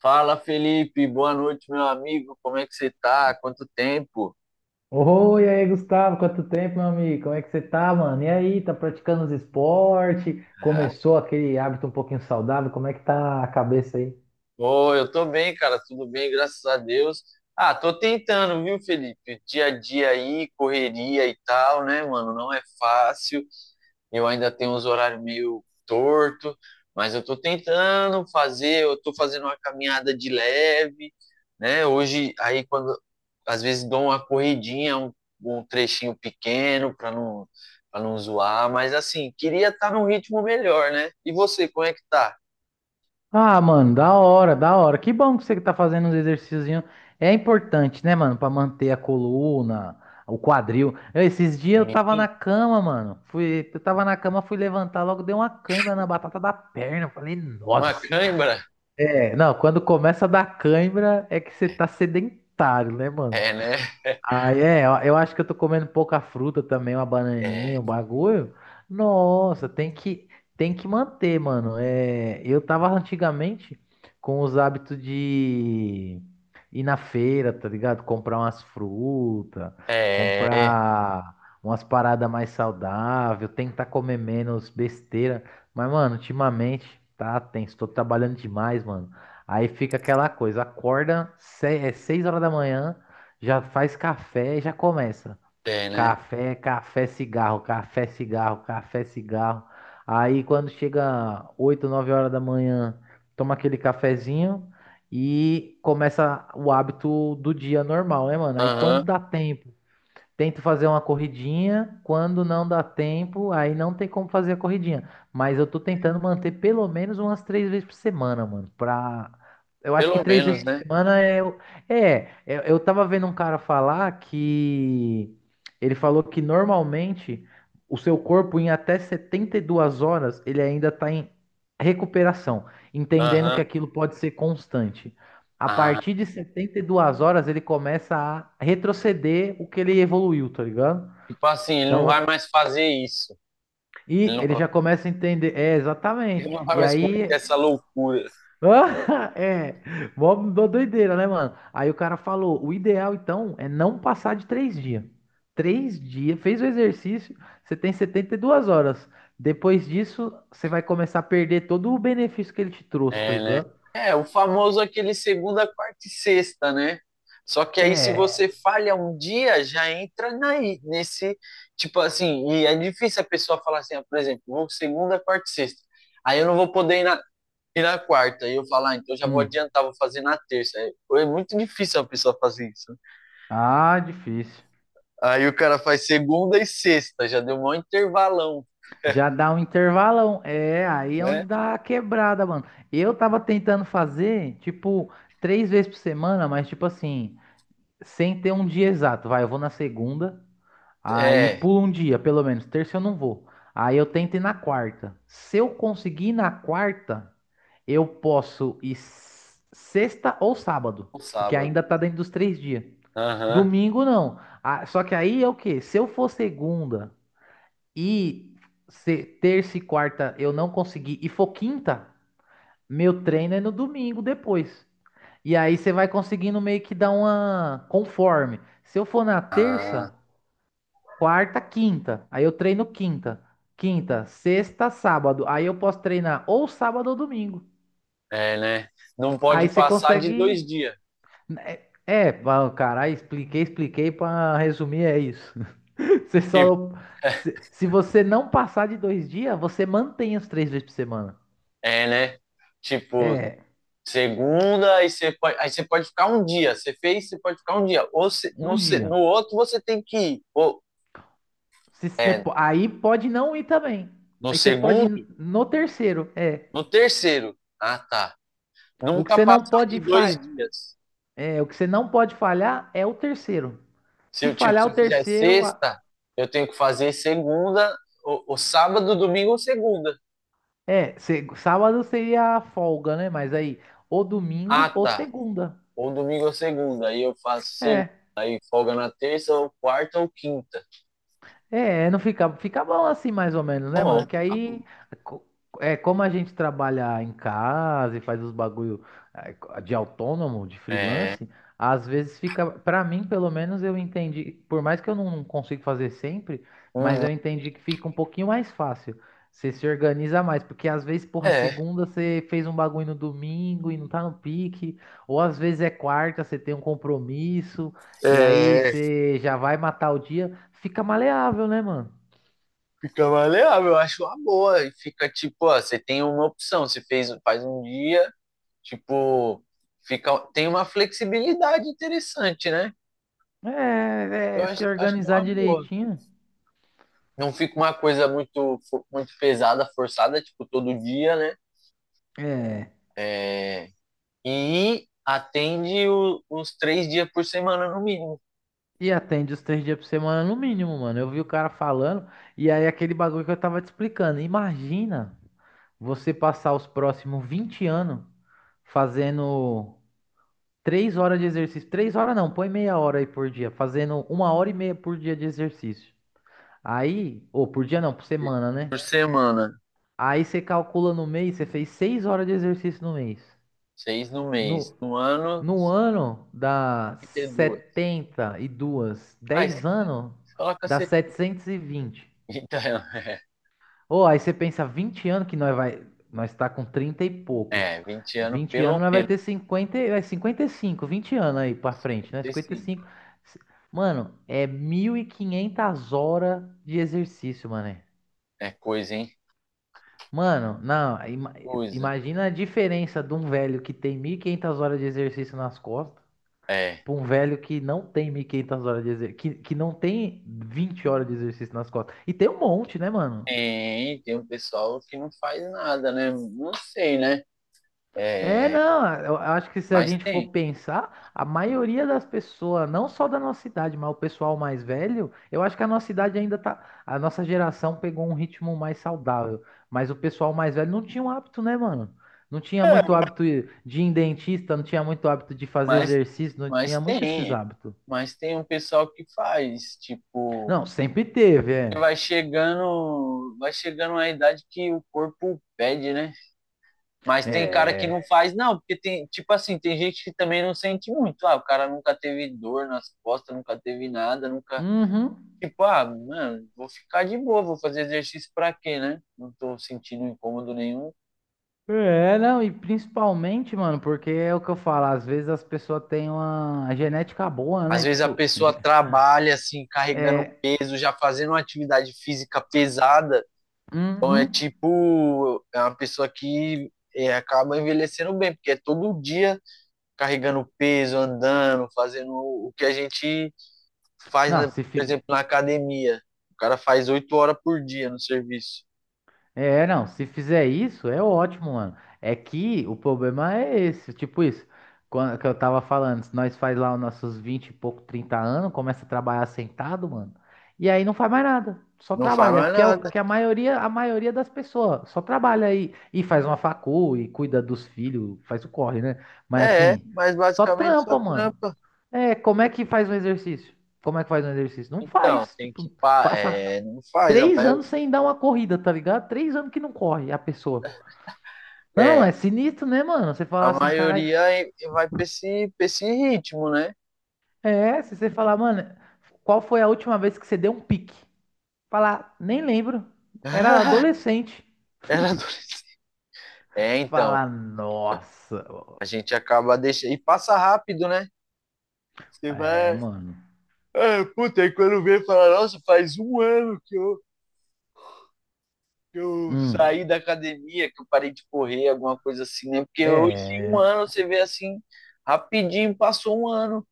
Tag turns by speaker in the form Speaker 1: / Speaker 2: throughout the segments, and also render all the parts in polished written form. Speaker 1: Fala, Felipe. Boa noite, meu amigo. Como é que você tá? Quanto tempo?
Speaker 2: Oi, e aí, Gustavo, quanto tempo, meu amigo? Como é que você tá, mano? E aí, tá praticando os esportes? Começou aquele hábito um pouquinho saudável? Como é que tá a cabeça aí?
Speaker 1: Ô, eu tô bem, cara. Tudo bem, graças a Deus. Ah, tô tentando, viu, Felipe? Dia a dia aí, correria e tal, né, mano? Não é fácil. Eu ainda tenho uns horários meio torto, mas eu estou tentando fazer, eu estou fazendo uma caminhada de leve, né? Hoje, aí quando às vezes dou uma corridinha, um trechinho pequeno para não zoar, mas assim, queria estar tá num ritmo melhor, né? E você, como é que tá?
Speaker 2: Ah, mano, da hora, da hora. Que bom que você que tá fazendo uns exercíciozinhos. É importante, né, mano, pra manter a coluna, o quadril. Esses dias eu tava na
Speaker 1: Sim.
Speaker 2: cama, mano. Fui, eu tava na cama, fui levantar, logo deu uma cãibra na batata da perna. Eu falei,
Speaker 1: Uma
Speaker 2: nossa.
Speaker 1: cãibra?
Speaker 2: É, não, quando começa a dar cãibra é que você tá sedentário, né, mano?
Speaker 1: É, né?
Speaker 2: Ah é, eu acho que eu tô comendo pouca fruta também, uma bananinha,
Speaker 1: É,
Speaker 2: um bagulho. Nossa, tem que manter, mano. É, eu tava antigamente com os hábitos de ir na feira, tá ligado? Comprar umas frutas,
Speaker 1: é,
Speaker 2: comprar umas paradas mais saudáveis, tentar comer menos besteira. Mas, mano, ultimamente tá tenso, tô trabalhando demais, mano. Aí fica aquela coisa, acorda é 6 horas da manhã. Já faz café e já começa.
Speaker 1: é, né?
Speaker 2: Café, café, cigarro, café, cigarro, café, cigarro. Aí quando chega 8 9 horas da manhã, toma aquele cafezinho e começa o hábito do dia normal, né, mano? Aí quando
Speaker 1: Aham,
Speaker 2: dá tempo, tento fazer uma corridinha, quando não dá tempo, aí não tem como fazer a corridinha. Mas eu tô tentando manter pelo menos umas três vezes por semana, mano. Pra... Eu acho que
Speaker 1: pelo
Speaker 2: três vezes
Speaker 1: menos,
Speaker 2: por
Speaker 1: né?
Speaker 2: semana é. É, eu tava vendo um cara falar que. Ele falou que normalmente o seu corpo, em até 72 horas, ele ainda tá em recuperação, entendendo
Speaker 1: Aham.
Speaker 2: que aquilo pode ser constante. A
Speaker 1: Ah,
Speaker 2: partir de 72 horas ele começa a retroceder o que ele evoluiu, tá ligado?
Speaker 1: tipo assim, ele não vai
Speaker 2: Então,
Speaker 1: mais fazer isso.
Speaker 2: e
Speaker 1: Ele não
Speaker 2: ele já começa a entender. É, exatamente.
Speaker 1: Ele não vai
Speaker 2: E
Speaker 1: mais cometer
Speaker 2: aí.
Speaker 1: essa loucura.
Speaker 2: É, mó mó doideira, né, mano? Aí o cara falou: o ideal então é não passar de três dias. Três dias, fez o exercício, você tem 72 horas. Depois disso, você vai começar a perder todo o benefício que ele te trouxe, tá
Speaker 1: É, né?
Speaker 2: ligado?
Speaker 1: É, o famoso aquele segunda, quarta e sexta, né? Só que aí, se
Speaker 2: É.
Speaker 1: você falha um dia, já entra nesse. Tipo assim, e é difícil a pessoa falar assim, ah, por exemplo, vou segunda, quarta e sexta. Aí eu não vou poder ir ir na quarta. E eu falar, ah, então já vou
Speaker 2: Hum.
Speaker 1: adiantar, vou fazer na terça. É muito difícil a pessoa fazer isso.
Speaker 2: Ah, difícil.
Speaker 1: Aí o cara faz segunda e sexta, já deu um maior intervalão,
Speaker 2: Já dá um intervalão. É, aí é
Speaker 1: né?
Speaker 2: onde dá a quebrada, mano. Eu tava tentando fazer, tipo, três vezes por semana, mas, tipo assim, sem ter um dia exato. Vai, eu vou na segunda, aí
Speaker 1: É,
Speaker 2: pulo um dia, pelo menos. Terça eu não vou. Aí eu tento ir na quarta. Se eu conseguir ir na quarta, eu posso ir sexta ou sábado,
Speaker 1: o
Speaker 2: porque
Speaker 1: sábado.
Speaker 2: ainda tá dentro dos três dias.
Speaker 1: Aham.
Speaker 2: Domingo não. Ah, só que aí é o quê? Se eu for segunda. E terça e quarta eu não consegui, e for quinta, meu treino é no domingo depois. E aí você vai conseguindo meio que dar uma conforme. Se eu for na
Speaker 1: Ah.
Speaker 2: terça, quarta, quinta, aí eu treino quinta, sexta, sábado, aí eu posso treinar ou sábado ou domingo.
Speaker 1: É, né? Não pode
Speaker 2: Aí você
Speaker 1: passar de
Speaker 2: consegue.
Speaker 1: 2 dias.
Speaker 2: Né, é, bom, cara, aí expliquei para resumir, é isso. Você
Speaker 1: Tipo,
Speaker 2: só. Se você não passar de dois dias, você mantém os três vezes por semana.
Speaker 1: é, né? Tipo,
Speaker 2: É,
Speaker 1: segunda, aí você pode ficar um dia. Você fez, você pode ficar um dia. Ou se- no,
Speaker 2: um
Speaker 1: se-
Speaker 2: dia.
Speaker 1: no outro você tem que ir. Ou,
Speaker 2: Se você,
Speaker 1: é,
Speaker 2: aí pode não ir também.
Speaker 1: no
Speaker 2: Aí você pode
Speaker 1: segundo,
Speaker 2: ir no terceiro. É.
Speaker 1: no terceiro. Ah, tá.
Speaker 2: O que
Speaker 1: Nunca
Speaker 2: você não
Speaker 1: passar de
Speaker 2: pode
Speaker 1: dois
Speaker 2: fa...
Speaker 1: dias.
Speaker 2: o que você não pode falhar é o terceiro.
Speaker 1: Se
Speaker 2: Se
Speaker 1: eu, tipo,
Speaker 2: falhar
Speaker 1: se
Speaker 2: o
Speaker 1: eu fizer
Speaker 2: terceiro,
Speaker 1: sexta, eu tenho que fazer segunda, ou sábado, domingo ou segunda.
Speaker 2: é, sábado seria a folga, né? Mas aí, ou
Speaker 1: Ah,
Speaker 2: domingo ou
Speaker 1: tá.
Speaker 2: segunda.
Speaker 1: Ou domingo ou segunda. Aí eu faço segunda.
Speaker 2: É.
Speaker 1: Aí folga na terça, ou quarta ou quinta.
Speaker 2: É, não fica, fica bom assim, mais ou menos, né,
Speaker 1: Bom,
Speaker 2: mano? Que aí, co- é como a gente trabalha em casa e faz os bagulho de autônomo, de
Speaker 1: é,
Speaker 2: freelance, às vezes fica, pra mim, pelo menos, eu entendi, por mais que eu não consiga fazer sempre, mas
Speaker 1: Uhum.
Speaker 2: eu entendi que fica um pouquinho mais fácil. Você se organiza mais, porque às vezes, porra,
Speaker 1: é,
Speaker 2: segunda você fez um bagulho no domingo e não tá no pique, ou às vezes é quarta, você tem um compromisso. E aí
Speaker 1: é,
Speaker 2: você já vai matar o dia, fica maleável, né, mano?
Speaker 1: Fica maleável, eu acho uma boa. E fica tipo, ó, você tem uma opção, você fez, faz um dia, tipo, fica, tem uma flexibilidade interessante, né?
Speaker 2: É,
Speaker 1: Eu
Speaker 2: é,
Speaker 1: acho,
Speaker 2: se
Speaker 1: acho que é
Speaker 2: organizar
Speaker 1: uma boa.
Speaker 2: direitinho.
Speaker 1: Não fica uma coisa muito pesada, forçada, tipo, todo dia, né?
Speaker 2: É.
Speaker 1: É, e atende os 3 dias por semana, no mínimo.
Speaker 2: E atende os três dias por semana no mínimo, mano. Eu vi o cara falando, e aí aquele bagulho que eu tava te explicando. Imagina você passar os próximos 20 anos fazendo 3 horas de exercício. Três horas não, põe meia hora aí por dia. Fazendo uma hora e meia por dia de exercício. Aí, ou por dia não, por semana, né?
Speaker 1: Por semana,
Speaker 2: Aí você calcula no mês, você fez 6 horas de exercício no mês.
Speaker 1: seis no mês.
Speaker 2: No,
Speaker 1: No ano,
Speaker 2: no ano dá 72, 10 anos
Speaker 1: 52. Fala
Speaker 2: dá
Speaker 1: cacete.
Speaker 2: 720.
Speaker 1: Então,
Speaker 2: Ou aí você pensa 20 anos que nós vai, nós tá com 30 e poucos.
Speaker 1: é, vinte 20 anos
Speaker 2: vinte
Speaker 1: pelo
Speaker 2: anos nós vai
Speaker 1: menos,
Speaker 2: ter 50 e- é 55, 20 anos aí para frente, né?
Speaker 1: vinte e
Speaker 2: Cinquenta e
Speaker 1: cinco
Speaker 2: cinco. Mano, é 1.500 horas de exercício, mano.
Speaker 1: É coisa, hein?
Speaker 2: Mano, não,
Speaker 1: Coisa.
Speaker 2: imagina a diferença de um velho que tem 1.500 horas de exercício nas costas
Speaker 1: É.
Speaker 2: para um velho que não tem 1.500 horas de exercício, que não tem 20 horas de exercício nas costas. E tem um monte, né, mano?
Speaker 1: Tem um pessoal que não faz nada, né? Não sei, né?
Speaker 2: É,
Speaker 1: É,
Speaker 2: não, eu acho que se a
Speaker 1: mas
Speaker 2: gente for
Speaker 1: tem.
Speaker 2: pensar, a
Speaker 1: tem.
Speaker 2: maioria das pessoas, não só da nossa idade, mas o pessoal mais velho, eu acho que a nossa idade ainda tá, a nossa geração pegou um ritmo mais saudável, mas o pessoal mais velho não tinha um hábito, né, mano? Não tinha muito hábito de ir em dentista, não tinha muito hábito de fazer
Speaker 1: Mas,
Speaker 2: exercício, não
Speaker 1: mas
Speaker 2: tinha muito esses
Speaker 1: tem.
Speaker 2: hábitos.
Speaker 1: Mas tem um pessoal que faz, tipo,
Speaker 2: Não, sempre teve, é.
Speaker 1: vai chegando a idade que o corpo pede, né? Mas tem cara que
Speaker 2: É.
Speaker 1: não faz, não, porque tem, tipo assim, tem gente que também não sente muito. Ah, o cara nunca teve dor nas costas, nunca teve nada, nunca.
Speaker 2: Uhum.
Speaker 1: Tipo, ah, mano, vou ficar de boa, vou fazer exercício pra quê, né? Não tô sentindo incômodo nenhum.
Speaker 2: É, não, e principalmente, mano, porque é o que eu falo, às vezes as pessoas têm uma genética boa,
Speaker 1: Às
Speaker 2: né?
Speaker 1: vezes a
Speaker 2: Tipo,
Speaker 1: pessoa trabalha assim, carregando
Speaker 2: é.
Speaker 1: peso, já fazendo uma atividade física pesada. Então é
Speaker 2: Uhum.
Speaker 1: tipo, é uma pessoa que é, acaba envelhecendo bem, porque é todo dia carregando peso, andando, fazendo o que a gente faz,
Speaker 2: Não,
Speaker 1: né,
Speaker 2: se,
Speaker 1: por
Speaker 2: fi-
Speaker 1: exemplo, na academia. O cara faz 8 horas por dia no serviço.
Speaker 2: é, não, se fizer isso, é ótimo, mano. É que o problema é esse, tipo isso. Que eu tava falando, se nós faz lá os nossos 20 e pouco, 30 anos, começa a trabalhar sentado, mano. E aí não faz mais nada, só
Speaker 1: Não faz
Speaker 2: trabalha,
Speaker 1: mais
Speaker 2: que é, o-
Speaker 1: nada.
Speaker 2: que é a maioria das pessoas só trabalha aí e faz uma facu e cuida dos filhos, faz o corre, né? Mas
Speaker 1: É,
Speaker 2: assim,
Speaker 1: mas
Speaker 2: só
Speaker 1: basicamente só
Speaker 2: trampa, mano.
Speaker 1: trampa.
Speaker 2: É, como é que faz um exercício? Como é que faz um exercício? Não
Speaker 1: Então,
Speaker 2: faz,
Speaker 1: tem que.
Speaker 2: tipo, passa
Speaker 1: É, não faz.
Speaker 2: três anos sem dar uma corrida, tá ligado? 3 anos que não corre a pessoa. Não,
Speaker 1: É,
Speaker 2: é sinistro, né, mano? Você
Speaker 1: a
Speaker 2: falar assim, caralho.
Speaker 1: maioria vai pra esse ritmo, né?
Speaker 2: É, se você falar, mano, qual foi a última vez que você deu um pique? Falar, nem lembro. Era adolescente.
Speaker 1: Era do- É, então.
Speaker 2: Falar, nossa.
Speaker 1: A gente acaba deixando. E passa rápido, né? Você
Speaker 2: É,
Speaker 1: vai.
Speaker 2: mano.
Speaker 1: É, puta, aí quando vem falar, nossa, faz um ano que eu saí
Speaker 2: Hum.
Speaker 1: da academia, que eu parei de correr, alguma coisa assim, né? Porque hoje, um
Speaker 2: É.
Speaker 1: ano, você vê assim, rapidinho, passou um ano.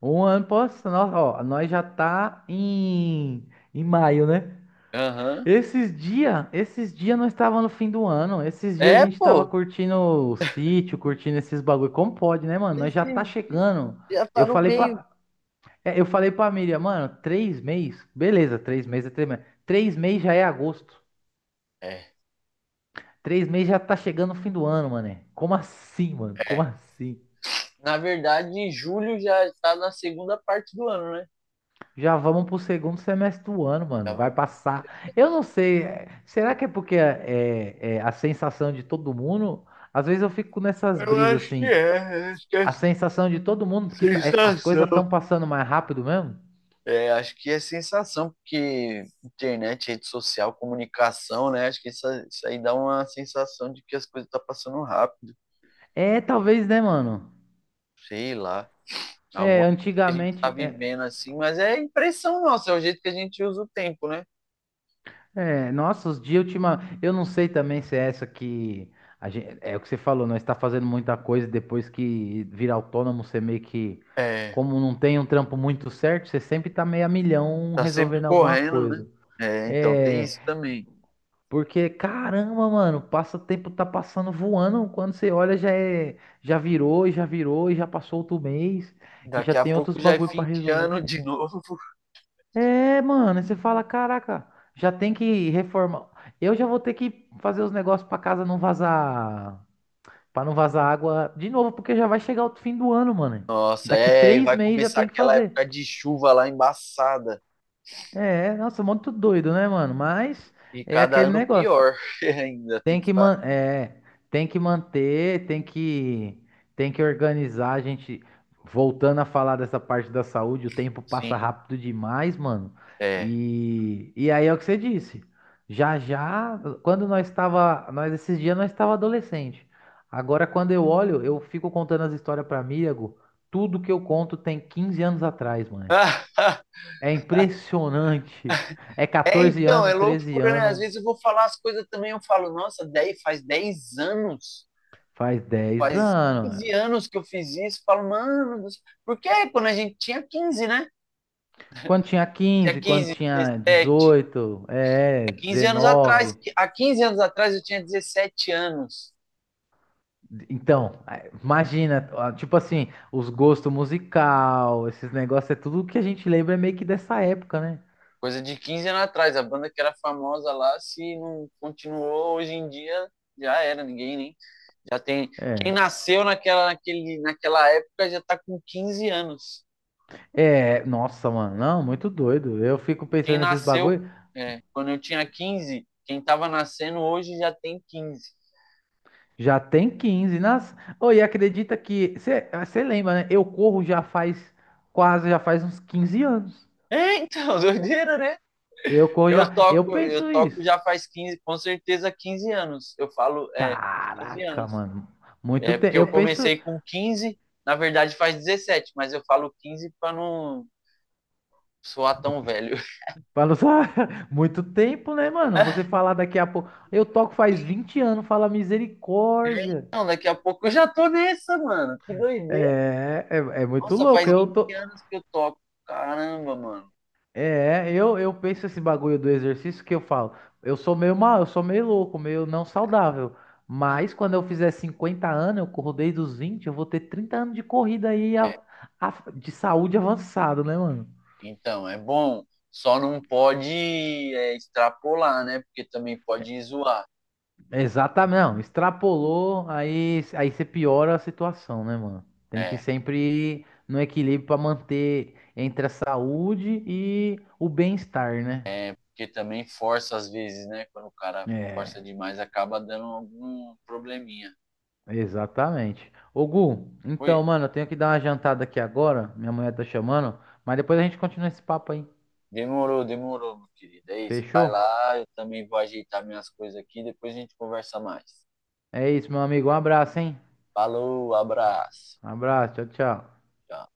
Speaker 2: Um ano, posso. Nossa, ó, nós já tá em maio, né?
Speaker 1: Aham.
Speaker 2: Esses dias nós estava no fim do ano. Esses dias a
Speaker 1: É,
Speaker 2: gente tava
Speaker 1: pô.
Speaker 2: curtindo o sítio, curtindo esses bagulho. Como pode, né, mano? Nós já tá
Speaker 1: Esse
Speaker 2: chegando.
Speaker 1: já tá
Speaker 2: Eu
Speaker 1: no
Speaker 2: falei
Speaker 1: meio.
Speaker 2: pra, eu falei pra Miriam, mano, 3 meses, beleza, 3 meses é 3 meses. 3 meses já é agosto.
Speaker 1: É,
Speaker 2: Três meses já tá chegando o fim do ano, mano. Como assim, mano? Como
Speaker 1: é.
Speaker 2: assim?
Speaker 1: Na verdade, em julho já está na segunda parte do ano, né?
Speaker 2: Já vamos pro segundo semestre do ano,
Speaker 1: Já
Speaker 2: mano. Vai
Speaker 1: vamos-
Speaker 2: passar. Eu não sei. Será que é, porque é a sensação de todo mundo? Às vezes eu fico nessas
Speaker 1: Eu
Speaker 2: brisas
Speaker 1: acho que
Speaker 2: assim.
Speaker 1: é, acho que é
Speaker 2: A sensação de todo mundo, porque as coisas
Speaker 1: sensação.
Speaker 2: estão passando mais rápido mesmo?
Speaker 1: É, acho que é sensação, porque internet, rede social, comunicação, né? Acho que isso aí dá uma sensação de que as coisas estão passando rápido.
Speaker 2: É, talvez, né, mano?
Speaker 1: Sei lá,
Speaker 2: É,
Speaker 1: alguma coisa que a gente tá
Speaker 2: antigamente. É,
Speaker 1: vivendo assim, mas é impressão nossa, é o jeito que a gente usa o tempo, né?
Speaker 2: nossa, os dias ultima. Eu não sei também se é essa que. É o que você falou, nós está fazendo muita coisa e depois que vira autônomo, você meio que.
Speaker 1: É,
Speaker 2: Como não tem um trampo muito certo, você sempre tá meio a milhão
Speaker 1: tá sempre
Speaker 2: resolvendo alguma
Speaker 1: correndo, né?
Speaker 2: coisa.
Speaker 1: É, então tem
Speaker 2: É,
Speaker 1: isso também.
Speaker 2: porque, caramba, mano, passa o tempo tá passando voando. Quando você olha, já é, já virou, e já passou outro mês e já
Speaker 1: Daqui a
Speaker 2: tem
Speaker 1: pouco
Speaker 2: outros
Speaker 1: já é
Speaker 2: bagulho
Speaker 1: fim
Speaker 2: pra
Speaker 1: de
Speaker 2: resolver.
Speaker 1: ano de novo.
Speaker 2: É, mano, aí você fala, caraca, já tem que reformar. Eu já vou ter que fazer os negócios pra casa não vazar, pra não vazar água de novo, porque já vai chegar o fim do ano, mano.
Speaker 1: Nossa,
Speaker 2: Daqui
Speaker 1: e
Speaker 2: três
Speaker 1: vai
Speaker 2: meses já
Speaker 1: começar
Speaker 2: tem que
Speaker 1: aquela
Speaker 2: fazer.
Speaker 1: época de chuva lá embaçada.
Speaker 2: É, nossa, muito doido, né, mano? Mas
Speaker 1: E
Speaker 2: é
Speaker 1: cada
Speaker 2: aquele
Speaker 1: ano
Speaker 2: negócio.
Speaker 1: pior ainda, tem
Speaker 2: Tem
Speaker 1: que
Speaker 2: que
Speaker 1: falar.
Speaker 2: man é, tem que manter, tem que organizar a gente voltando a falar dessa parte da saúde, o tempo passa
Speaker 1: Sim,
Speaker 2: rápido demais, mano.
Speaker 1: é.
Speaker 2: E aí é o que você disse. Já já, nós esses dias nós estava adolescente. Agora quando eu olho, eu fico contando as histórias para amigo, tudo que eu conto tem 15 anos atrás, mano. É impressionante. É
Speaker 1: É,
Speaker 2: 14
Speaker 1: então, é
Speaker 2: anos, 13
Speaker 1: loucura, né? Às
Speaker 2: anos,
Speaker 1: vezes eu vou falar as coisas também, eu falo, nossa, 10, faz 10 anos
Speaker 2: faz 10
Speaker 1: faz
Speaker 2: anos.
Speaker 1: 15 anos que eu fiz isso, falo, mano, porque quando a gente tinha 15, né?
Speaker 2: Quando tinha
Speaker 1: Tinha
Speaker 2: 15, quando
Speaker 1: 15,
Speaker 2: tinha
Speaker 1: 17,
Speaker 2: 18,
Speaker 1: há
Speaker 2: é,
Speaker 1: 15 anos atrás,
Speaker 2: 19.
Speaker 1: há 15 anos atrás eu tinha 17 anos,
Speaker 2: Então, imagina, ah, tipo assim, os gostos musical, esses negócios, é tudo que a gente lembra meio que dessa época, né?
Speaker 1: coisa de 15 anos atrás, a banda que era famosa lá, se não continuou hoje em dia, já era, ninguém nem, já tem, quem
Speaker 2: É.
Speaker 1: nasceu naquela época já tá com 15 anos,
Speaker 2: É, nossa, mano, não, muito doido. Eu fico
Speaker 1: quem
Speaker 2: pensando nesses
Speaker 1: nasceu
Speaker 2: bagulho.
Speaker 1: quando eu tinha 15, quem tava nascendo hoje já tem 15.
Speaker 2: Já tem 15, nas. Ô, e acredita que. Você lembra, né? Eu corro já faz uns 15 anos.
Speaker 1: É, então, doideira, né?
Speaker 2: Eu corro
Speaker 1: Eu
Speaker 2: já. Eu
Speaker 1: toco, eu
Speaker 2: penso
Speaker 1: toco
Speaker 2: isso.
Speaker 1: já faz 15, com certeza 15 anos. Eu falo, 15
Speaker 2: Caraca,
Speaker 1: anos.
Speaker 2: mano. Muito
Speaker 1: É porque
Speaker 2: tempo. Eu
Speaker 1: eu
Speaker 2: penso.
Speaker 1: comecei com 15. Na verdade faz 17, mas eu falo 15 para não soar tão velho.
Speaker 2: Fala só, muito tempo, né, mano? Você falar daqui a pouco. Eu toco faz 20 anos, fala misericórdia.
Speaker 1: Não, daqui a pouco eu já tô nessa, mano. Que doideira.
Speaker 2: É, é, é muito
Speaker 1: Nossa,
Speaker 2: louco.
Speaker 1: faz
Speaker 2: Eu
Speaker 1: 20
Speaker 2: tô.
Speaker 1: anos que eu toco. Caramba, mano.
Speaker 2: É, eu penso esse bagulho do exercício que eu falo. Eu sou meio mal, eu sou meio louco, meio não saudável. Mas quando eu fizer 50 anos, eu corro desde os 20, eu vou ter 30 anos de corrida aí de saúde avançada, né, mano?
Speaker 1: Então, é bom. Só não pode é, extrapolar, né? Porque também pode zoar.
Speaker 2: Exatamente, não, extrapolou, aí você piora a situação, né, mano? Tem que
Speaker 1: É,
Speaker 2: sempre ir no equilíbrio pra manter entre a saúde e o bem-estar, né?
Speaker 1: porque também força às vezes, né? Quando o cara força
Speaker 2: É,
Speaker 1: demais, acaba dando algum probleminha.
Speaker 2: exatamente. Ô, Gu, então,
Speaker 1: Fui.
Speaker 2: mano, eu tenho que dar uma jantada aqui agora, minha mulher tá chamando, mas depois a gente continua esse papo aí,
Speaker 1: Demorou, demorou, meu querido. É isso. Vai
Speaker 2: fechou?
Speaker 1: lá, eu também vou ajeitar minhas coisas aqui, depois a gente conversa mais.
Speaker 2: É isso, meu amigo, um abraço, hein?
Speaker 1: Falou, abraço.
Speaker 2: Um abraço, tchau, tchau.
Speaker 1: Tchau.